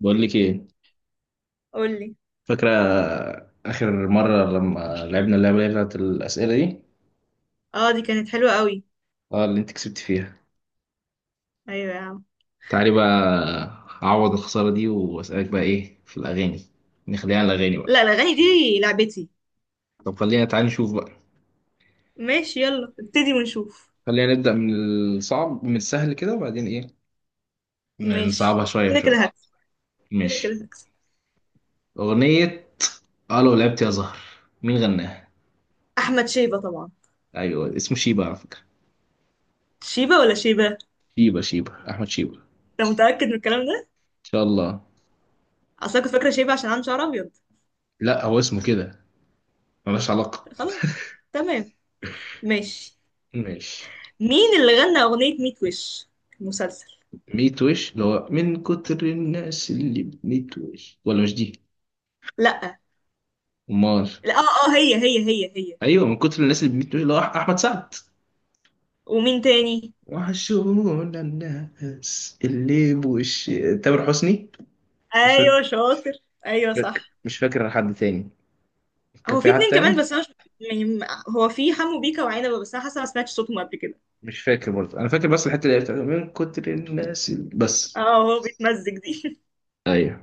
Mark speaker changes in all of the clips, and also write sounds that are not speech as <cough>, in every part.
Speaker 1: بقول لك ايه؟
Speaker 2: قولي.
Speaker 1: فاكره اخر مره لما لعبنا اللعبه اللي هي بتاعت الاسئله دي؟
Speaker 2: اه، دي كانت حلوة قوي.
Speaker 1: اه، اللي انت كسبت فيها.
Speaker 2: ايوه يا عم.
Speaker 1: تعالي بقى اعوض الخساره دي واسالك بقى ايه في الاغاني. نخليها على الاغاني بقى.
Speaker 2: لا الاغاني دي لعبتي.
Speaker 1: طب خلينا، تعالي نشوف بقى.
Speaker 2: ماشي، يلا ابتدي ونشوف.
Speaker 1: خلينا نبدا من الصعب، من السهل كده وبعدين ايه، نصعبها
Speaker 2: ماشي
Speaker 1: شويه
Speaker 2: كده
Speaker 1: شويه.
Speaker 2: كده هكسب. كده كده
Speaker 1: ماشي.
Speaker 2: هكسب.
Speaker 1: اغنيه. اه، لو لعبت يا زهر، مين غناها؟
Speaker 2: احمد شيبة طبعا.
Speaker 1: ايوه، اسمه شيبه على فكره.
Speaker 2: شيبة ولا شيبة؟
Speaker 1: شيبه شيبه احمد شيبه.
Speaker 2: انت متأكد من الكلام ده؟
Speaker 1: ان شاء الله.
Speaker 2: اصل أنا كنت فاكرة شيبة عشان عنده شعر ابيض.
Speaker 1: لا، هو اسمه كده، ملوش علاقه.
Speaker 2: خلاص. تمام. ماشي.
Speaker 1: ماشي.
Speaker 2: مين اللي غنى اغنية ميت وش المسلسل؟
Speaker 1: ميت وش، اللي هو من كتر الناس اللي بميت وش، ولا مش دي؟
Speaker 2: لا.
Speaker 1: امال؟
Speaker 2: لا اه اه هي.
Speaker 1: ايوه، من كتر الناس اللي بميت وش، اللي هو احمد سعد.
Speaker 2: ومين تاني؟
Speaker 1: وحشونا الناس اللي بوش. تامر حسني. مش فاكر.
Speaker 2: ايوه شاطر.
Speaker 1: مش
Speaker 2: ايوه
Speaker 1: فاكر
Speaker 2: صح.
Speaker 1: مش فاكر حد تاني. كان
Speaker 2: هو في
Speaker 1: في حد
Speaker 2: اتنين كمان
Speaker 1: تاني.
Speaker 2: بس انا مش يعني هو في حمو بيكا وعنبه بس انا حاسه ما سمعتش صوتهم قبل كده.
Speaker 1: مش فاكر برضه، انا فاكر بس الحته اللي هي بتاعت من كتر الناس اللي بس.
Speaker 2: اه هو بيتمزج دي.
Speaker 1: ايوه.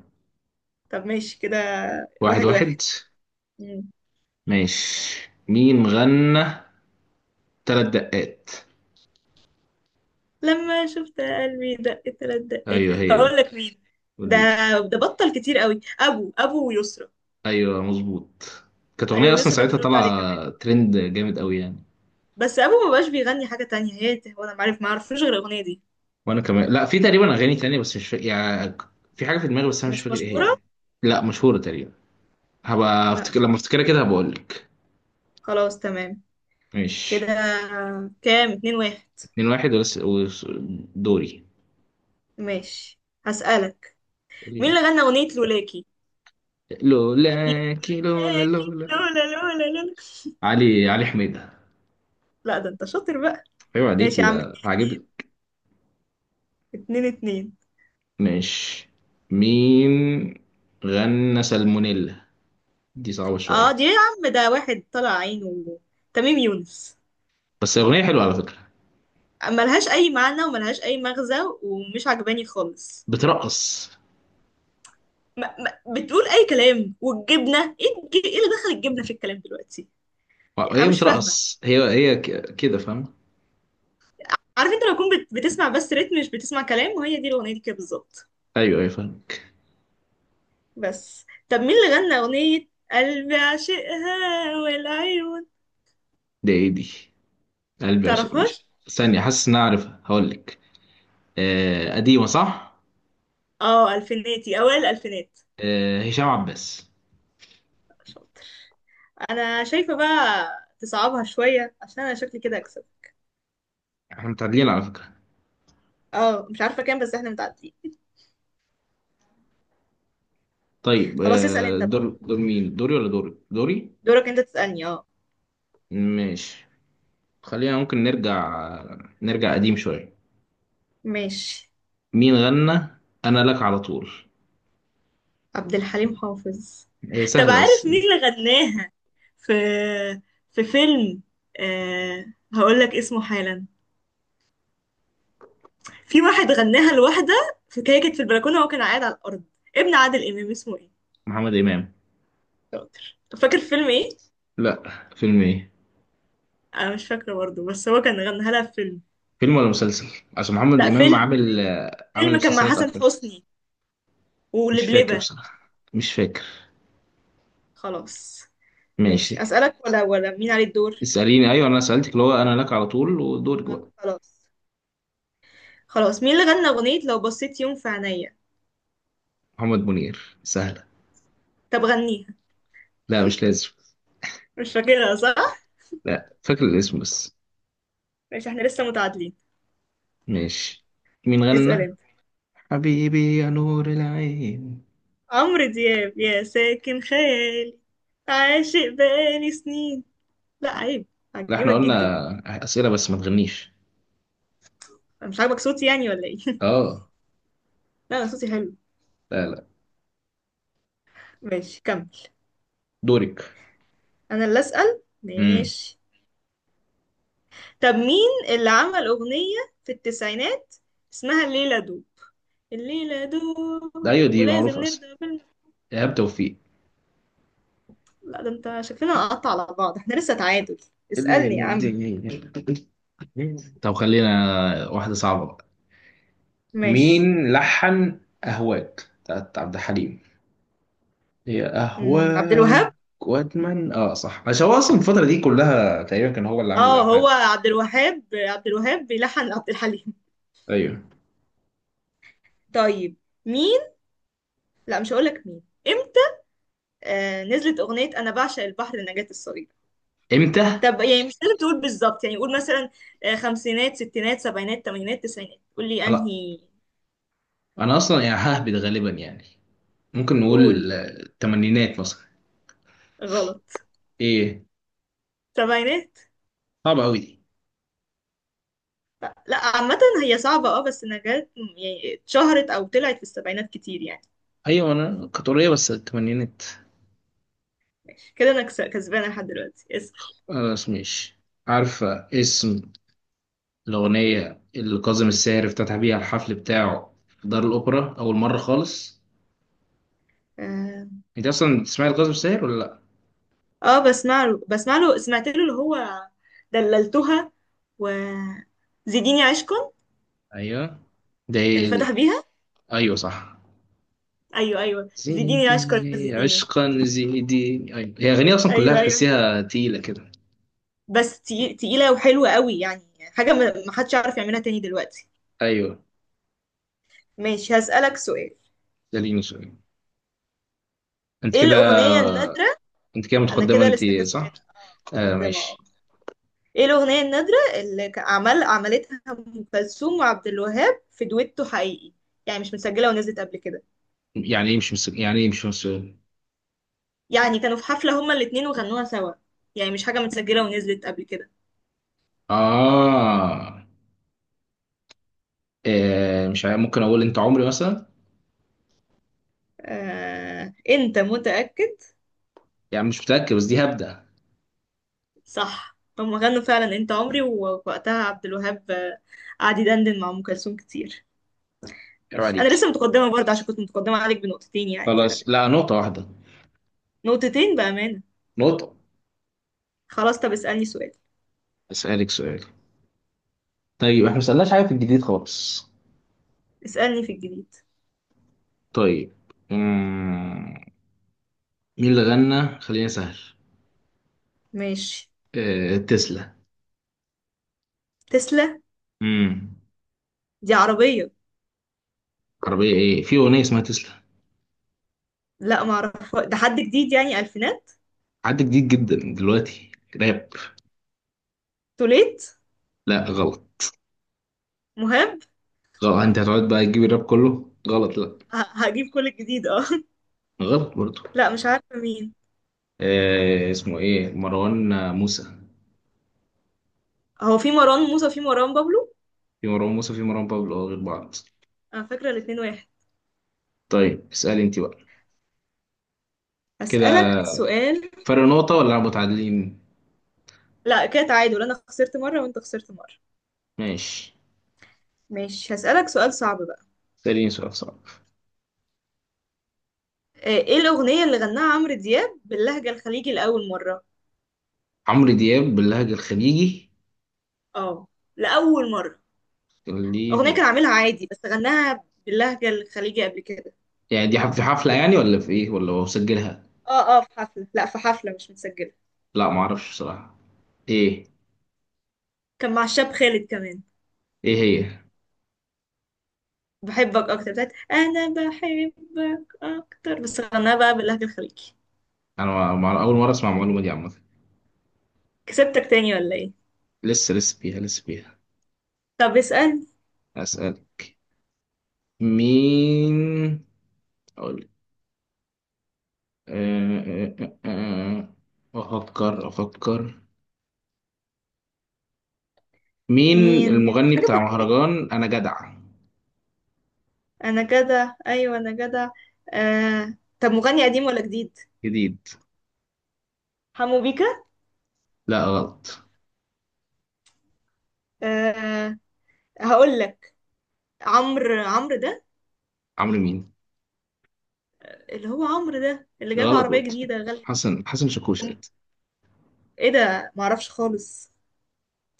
Speaker 2: <laughs> طب ماشي كده.
Speaker 1: واحد
Speaker 2: واحد
Speaker 1: واحد.
Speaker 2: واحد. مم.
Speaker 1: ماشي، مين غنى ثلاث دقات؟
Speaker 2: لما شفت قلبي دق تلات دقات
Speaker 1: ايوه، هي
Speaker 2: هقول
Speaker 1: دي.
Speaker 2: لك مين. ده
Speaker 1: قولي لي.
Speaker 2: ده بطل كتير قوي ابو ويسرا.
Speaker 1: ايوه، مظبوط. كانت اغنيه
Speaker 2: ايوه
Speaker 1: اصلا
Speaker 2: يسرا كانت
Speaker 1: ساعتها
Speaker 2: بترد عليه كمان.
Speaker 1: طالعه ترند جامد قوي يعني.
Speaker 2: بس ابو ما بقاش بيغني حاجه تانية، هي هو انا معرف ما اعرفوش غير الاغنيه دي.
Speaker 1: وانا كمان، لا، في تقريبا اغاني تانية بس مش فاكر يعني. في حاجه في دماغي بس انا مش
Speaker 2: مش
Speaker 1: فاكر
Speaker 2: مشهوره.
Speaker 1: ايه هي. لا، مشهوره تقريبا. هبقى
Speaker 2: لا
Speaker 1: افتكر
Speaker 2: ما-
Speaker 1: لما افتكرها كده هبقول لك.
Speaker 2: خلاص تمام كده.
Speaker 1: ماشي.
Speaker 2: كام؟ اتنين واحد.
Speaker 1: اتنين واحد دوري.
Speaker 2: ماشي هسألك: مين
Speaker 1: سؤالين.
Speaker 2: اللي غنى اغنيه لولاكي؟
Speaker 1: لولاكي، لولا لولا
Speaker 2: لولاكي
Speaker 1: لولا.
Speaker 2: لولا لولا لولا.
Speaker 1: علي حميدة.
Speaker 2: لا ده انت شاطر بقى.
Speaker 1: ايوه،
Speaker 2: ماشي
Speaker 1: عليكي
Speaker 2: يا عم.
Speaker 1: ده عاجبك.
Speaker 2: اتنين اتنين.
Speaker 1: ماشي. مين غنى سالمونيلا؟ دي صعبة
Speaker 2: اه
Speaker 1: شوية.
Speaker 2: دي يا عم ده واحد طلع عينه، تميم يونس.
Speaker 1: بس أغنية حلوة على فكرة.
Speaker 2: ملهاش اي معنى وملهاش اي مغزى، ومش عجباني خالص.
Speaker 1: بترقص.
Speaker 2: ما ما بتقول اي كلام، والجبنه، ايه اللي دخل الجبنه في الكلام دلوقتي؟ يعني انا
Speaker 1: هي
Speaker 2: مش فاهمه.
Speaker 1: بترقص، كده، فاهم؟
Speaker 2: عارف انت لو كنت بتسمع بس رتم مش بتسمع كلام، وهي دي الاغنيه دي كده بالظبط.
Speaker 1: ايوه ايوه، فاهمك.
Speaker 2: بس طب مين اللي غنى اغنيه قلبي عشقها والعيون؟
Speaker 1: ده ايه دي؟ قلبي عشق، مش
Speaker 2: تعرفهاش؟
Speaker 1: ثانية، حاسس ان انا عارفها، هقول لك. آه، قديمة صح.
Speaker 2: اه الفيناتي، اوائل الالفينات.
Speaker 1: آه، هشام عباس.
Speaker 2: شاطر. انا شايفه بقى تصعبها شويه عشان انا شكلي كده اكسب.
Speaker 1: احنا متعادلين على فكرة.
Speaker 2: اه مش عارفة كام بس احنا متعدين.
Speaker 1: طيب،
Speaker 2: خلاص اسأل انت بقى،
Speaker 1: دور دور مين، دوري ولا دوري دوري؟
Speaker 2: دورك انت تسألني اه.
Speaker 1: ماشي. خلينا، ممكن نرجع قديم شوية.
Speaker 2: ماشي.
Speaker 1: مين غنى انا لك على طول؟
Speaker 2: عبد الحليم حافظ.
Speaker 1: هي
Speaker 2: طب
Speaker 1: سهلة
Speaker 2: عارف
Speaker 1: بس.
Speaker 2: مين اللي غناها؟ في في فيلم أه... هقول لك اسمه حالا. في واحد غناها لواحدة في كده، كانت في البلكونة وهو كان قاعد على الأرض. ابن عادل إمام اسمه ايه؟
Speaker 1: محمد امام.
Speaker 2: شاطر. فاكر فيلم ايه؟
Speaker 1: لا، فيلم ايه؟
Speaker 2: أنا مش فاكرة برضه بس هو كان غناها لها في فيلم.
Speaker 1: فيلم ولا مسلسل؟ عشان محمد
Speaker 2: لا
Speaker 1: امام
Speaker 2: فيلم
Speaker 1: عامل
Speaker 2: فيلم.
Speaker 1: آه، عامل
Speaker 2: فيلم كان مع
Speaker 1: مسلسلات
Speaker 2: حسن
Speaker 1: اكتر.
Speaker 2: حسني
Speaker 1: مش فاكر
Speaker 2: ولبلبة.
Speaker 1: بصراحة، مش فاكر.
Speaker 2: خلاص.
Speaker 1: ماشي.
Speaker 2: ماشي. أسألك ولا مين عليه الدور؟
Speaker 1: اسأليني، أيوة أنا سألتك اللي هو أنا لك على طول، ودورك
Speaker 2: آه،
Speaker 1: بقى.
Speaker 2: خلاص. خلاص، مين اللي غنى أغنية لو بصيت يوم في عينيا؟
Speaker 1: محمد منير، سهلة.
Speaker 2: طب غنيها.
Speaker 1: لا مش لازم.
Speaker 2: مش فاكرها صح؟
Speaker 1: لا، فاكر الاسم بس.
Speaker 2: ماشي احنا لسه متعادلين.
Speaker 1: ماشي. مين
Speaker 2: اسأل
Speaker 1: غنى
Speaker 2: انت.
Speaker 1: حبيبي يا نور العين؟
Speaker 2: عمرو دياب، يا ساكن خيالي، عاشق بقالي سنين. لا عيب.
Speaker 1: لا، احنا
Speaker 2: عجبك جدا.
Speaker 1: قلنا أسئلة بس ما تغنيش.
Speaker 2: أنا مش عاجبك صوتي يعني ولا ايه؟ <laughs>
Speaker 1: اه.
Speaker 2: لا أنا صوتي حلو.
Speaker 1: لا لا.
Speaker 2: ماشي كمل.
Speaker 1: دورك.
Speaker 2: أنا اللي أسأل،
Speaker 1: امم
Speaker 2: ماشي. طب مين اللي عمل أغنية في التسعينات اسمها الليلة دوب؟ الليلة
Speaker 1: ده
Speaker 2: دوب
Speaker 1: أيوة دي
Speaker 2: ولازم
Speaker 1: معروفة أصلا.
Speaker 2: نرضى.
Speaker 1: إيهاب توفيق.
Speaker 2: لا ده انت شكلنا نقطع على بعض، احنا لسه تعادل.
Speaker 1: اللي هي
Speaker 2: اسألني يا عم.
Speaker 1: الدنيا. طب خلينا، واحدة صعبة بقى.
Speaker 2: ماشي.
Speaker 1: مين لحن أهواك بتاعت عبد الحليم؟ هي
Speaker 2: عبد
Speaker 1: أهواك.
Speaker 2: الوهاب.
Speaker 1: وأدمن، آه صح، عشان هو أصلا الفترة دي كلها تقريبا كان هو اللي عامل
Speaker 2: اه
Speaker 1: الألحان.
Speaker 2: هو عبد الوهاب، عبد الوهاب بيلحن عبد الحليم. <laughs>
Speaker 1: أيوه.
Speaker 2: طيب، مين؟ لا مش هقولك مين امتى. آه نزلت اغنية انا بعشق البحر لنجاة الصغيرة.
Speaker 1: إمتى؟
Speaker 2: طب يعني مش لازم تقول بالظبط، يعني قول مثلا آه، خمسينات ستينات سبعينات تمانينات تسعينات، قول لي
Speaker 1: لا،
Speaker 2: انهي.
Speaker 1: أنا أصلا يعني ههبد غالبا يعني. ممكن
Speaker 2: قول.
Speaker 1: نقول التمانينات مثلا.
Speaker 2: غلط.
Speaker 1: إيه؟
Speaker 2: سبعينات.
Speaker 1: صعبة أوي دي.
Speaker 2: لا، عامة هي صعبة اه، بس نجاة يعني اتشهرت او طلعت في السبعينات كتير يعني.
Speaker 1: أيوه، أنا كانت قريبة بس التمانينات.
Speaker 2: كده انا كسبانه لحد دلوقتي. اسال.
Speaker 1: خلاص ماشي. عارفة اسم الأغنية اللي كاظم الساهر افتتح بيها الحفل بتاعه في دار الأوبرا أول مرة خالص؟
Speaker 2: اه.
Speaker 1: أنت أصلا بتسمعي لكاظم الساهر ولا لأ؟
Speaker 2: آه، بسمع له، بسمع له، سمعت له اللي هو دللتها، و زيديني عشقا.
Speaker 1: أيوه. ده
Speaker 2: اللي
Speaker 1: إيه؟
Speaker 2: فتح بيها.
Speaker 1: أيوه صح.
Speaker 2: ايوه ايوه، زيديني عشقا
Speaker 1: زيديني
Speaker 2: زيديني.
Speaker 1: عشقا زيديني، ايوه هي اغنيه اصلا كلها
Speaker 2: ايوه ايوه أيوه.
Speaker 1: تحسيها تقيله كده.
Speaker 2: بس تقيله وحلوه قوي يعني، حاجه ما حدش يعرف يعملها تاني دلوقتي.
Speaker 1: ايوه.
Speaker 2: ماشي هسالك سؤال.
Speaker 1: ده ليه مسؤولية. انت
Speaker 2: ايه
Speaker 1: كده.
Speaker 2: الاغنيه النادره؟
Speaker 1: انت كده
Speaker 2: انا
Speaker 1: متقدمه
Speaker 2: كده
Speaker 1: انت.
Speaker 2: لسه
Speaker 1: صح.
Speaker 2: كسبانه اه،
Speaker 1: آه
Speaker 2: متقدمه اه.
Speaker 1: ماشي.
Speaker 2: ايه الأغنية النادرة اللي عملتها أم كلثوم وعبد الوهاب في دويتو حقيقي؟ يعني مش متسجلة ونزلت قبل كده.
Speaker 1: يعني ايه مش مسؤول؟ يعني ايه مش مسؤول؟
Speaker 2: يعني كانوا في حفلة هما الاتنين وغنوها سوا، يعني مش حاجة متسجلة ونزلت قبل كده.
Speaker 1: اه. مش عارف. ممكن اقول انت عمري مثلا.
Speaker 2: آه... انت متأكد؟
Speaker 1: يعني مش متاكد بس دي هبدا.
Speaker 2: صح هما غنوا فعلا انت عمري، ووقتها عبد الوهاب آه، قعد يدندن مع أم كلثوم كتير.
Speaker 1: عيب
Speaker 2: ماشي أنا
Speaker 1: عليك.
Speaker 2: لسه متقدمة برضه، عشان كنت متقدمة عليك بنقطتين يعني،
Speaker 1: خلاص،
Speaker 2: فتمام.
Speaker 1: لا، نقطه واحده.
Speaker 2: نقطتين بأمانة.
Speaker 1: نقطه.
Speaker 2: خلاص طب اسألني سؤال.
Speaker 1: اسالك سؤال. طيب، احنا ما سالناش حاجه في الجديد خالص.
Speaker 2: اسألني في الجديد.
Speaker 1: طيب. مم. مين اللي غنى خلينا سهل؟
Speaker 2: ماشي.
Speaker 1: تسلا.
Speaker 2: تسلا.
Speaker 1: امم
Speaker 2: دي عربية.
Speaker 1: عربية؟ ايه، في أغنية اسمها تسلا.
Speaker 2: لا ما اعرف، ده حد جديد يعني الفينات.
Speaker 1: حد جديد جدا دلوقتي. راب.
Speaker 2: توليت.
Speaker 1: لا، غلط.
Speaker 2: مهاب.
Speaker 1: غلط. انت هتقعد بقى تجيب الراب كله غلط؟ لا،
Speaker 2: هجيب كل الجديد اه.
Speaker 1: غلط برضه.
Speaker 2: <laughs> لا مش عارفه مين.
Speaker 1: اسمه ايه، مروان موسى.
Speaker 2: هو في مروان موسى وفي مروان بابلو.
Speaker 1: في مروان موسى في مروان بابلو، غير بعض.
Speaker 2: انا فاكره الاتنين واحد.
Speaker 1: طيب اسألي انت بقى. كده
Speaker 2: هسألك سؤال.
Speaker 1: فرق نقطة ولا متعادلين؟
Speaker 2: لا كده تعادل، انا خسرت مره وانت خسرت مره.
Speaker 1: ماشي.
Speaker 2: ماشي هسألك سؤال صعب بقى.
Speaker 1: اسأليني سؤال صعب.
Speaker 2: آه، ايه الاغنيه اللي غناها عمرو دياب باللهجه الخليجي لاول مره؟
Speaker 1: عمرو دياب باللهجة الخليجي؟
Speaker 2: اه. لاول مره.
Speaker 1: دي
Speaker 2: اغنيه كان عاملها عادي بس غناها باللهجه الخليجي قبل كده.
Speaker 1: يعني، دي في حفلة يعني، ولا في ايه، ولا هو مسجلها؟
Speaker 2: اه اه في حفله، لا في حفله مش متسجله.
Speaker 1: لا، معرفش بصراحة. ايه؟
Speaker 2: كان مع الشاب خالد كمان.
Speaker 1: ايه هي؟
Speaker 2: بحبك اكتر، بتاعت انا بحبك اكتر، بس غناها بقى باللهجة الخليجي.
Speaker 1: انا اول مره اسمع المعلومه دي عامه.
Speaker 2: كسبتك تاني ولا ايه؟
Speaker 1: لسه، لسه فيها، لسه فيها.
Speaker 2: طب اسأل.
Speaker 1: اسالك. مين. اقول. أه أه أه أه. افكر افكر. مين
Speaker 2: مين؟
Speaker 1: المغني
Speaker 2: حاجة
Speaker 1: بتاع
Speaker 2: من جديد.
Speaker 1: مهرجان انا جدع؟
Speaker 2: انا جدع. ايوه انا جدع. آه... طب مغني قديم ولا جديد؟
Speaker 1: جديد.
Speaker 2: حمو بيكا.
Speaker 1: لا، غلط.
Speaker 2: آه... هقول لك. عمرو ده،
Speaker 1: عمرو مين؟
Speaker 2: اللي هو عمرو ده اللي جاب
Speaker 1: غلط
Speaker 2: عربية
Speaker 1: برضه.
Speaker 2: جديدة غالية.
Speaker 1: حسن شاكوش
Speaker 2: أم-
Speaker 1: قد.
Speaker 2: ايه ده؟ معرفش خالص.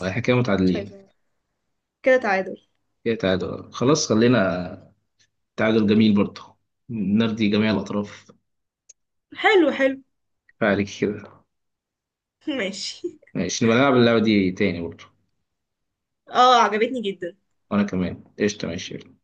Speaker 1: احنا كده
Speaker 2: كنتش
Speaker 1: متعادلين.
Speaker 2: عايزة كده تعادل.
Speaker 1: كده تعادل. خلاص، خلينا. تعادل جميل برضه. نرضي جميع الاطراف.
Speaker 2: حلو حلو.
Speaker 1: كفاية عليك كده.
Speaker 2: <laughs> ماشي.
Speaker 1: ماشي، نبقى نلعب اللعبه دي تاني برضه.
Speaker 2: اه عجبتني جدا.
Speaker 1: وانا كمان قشطه. ماشي.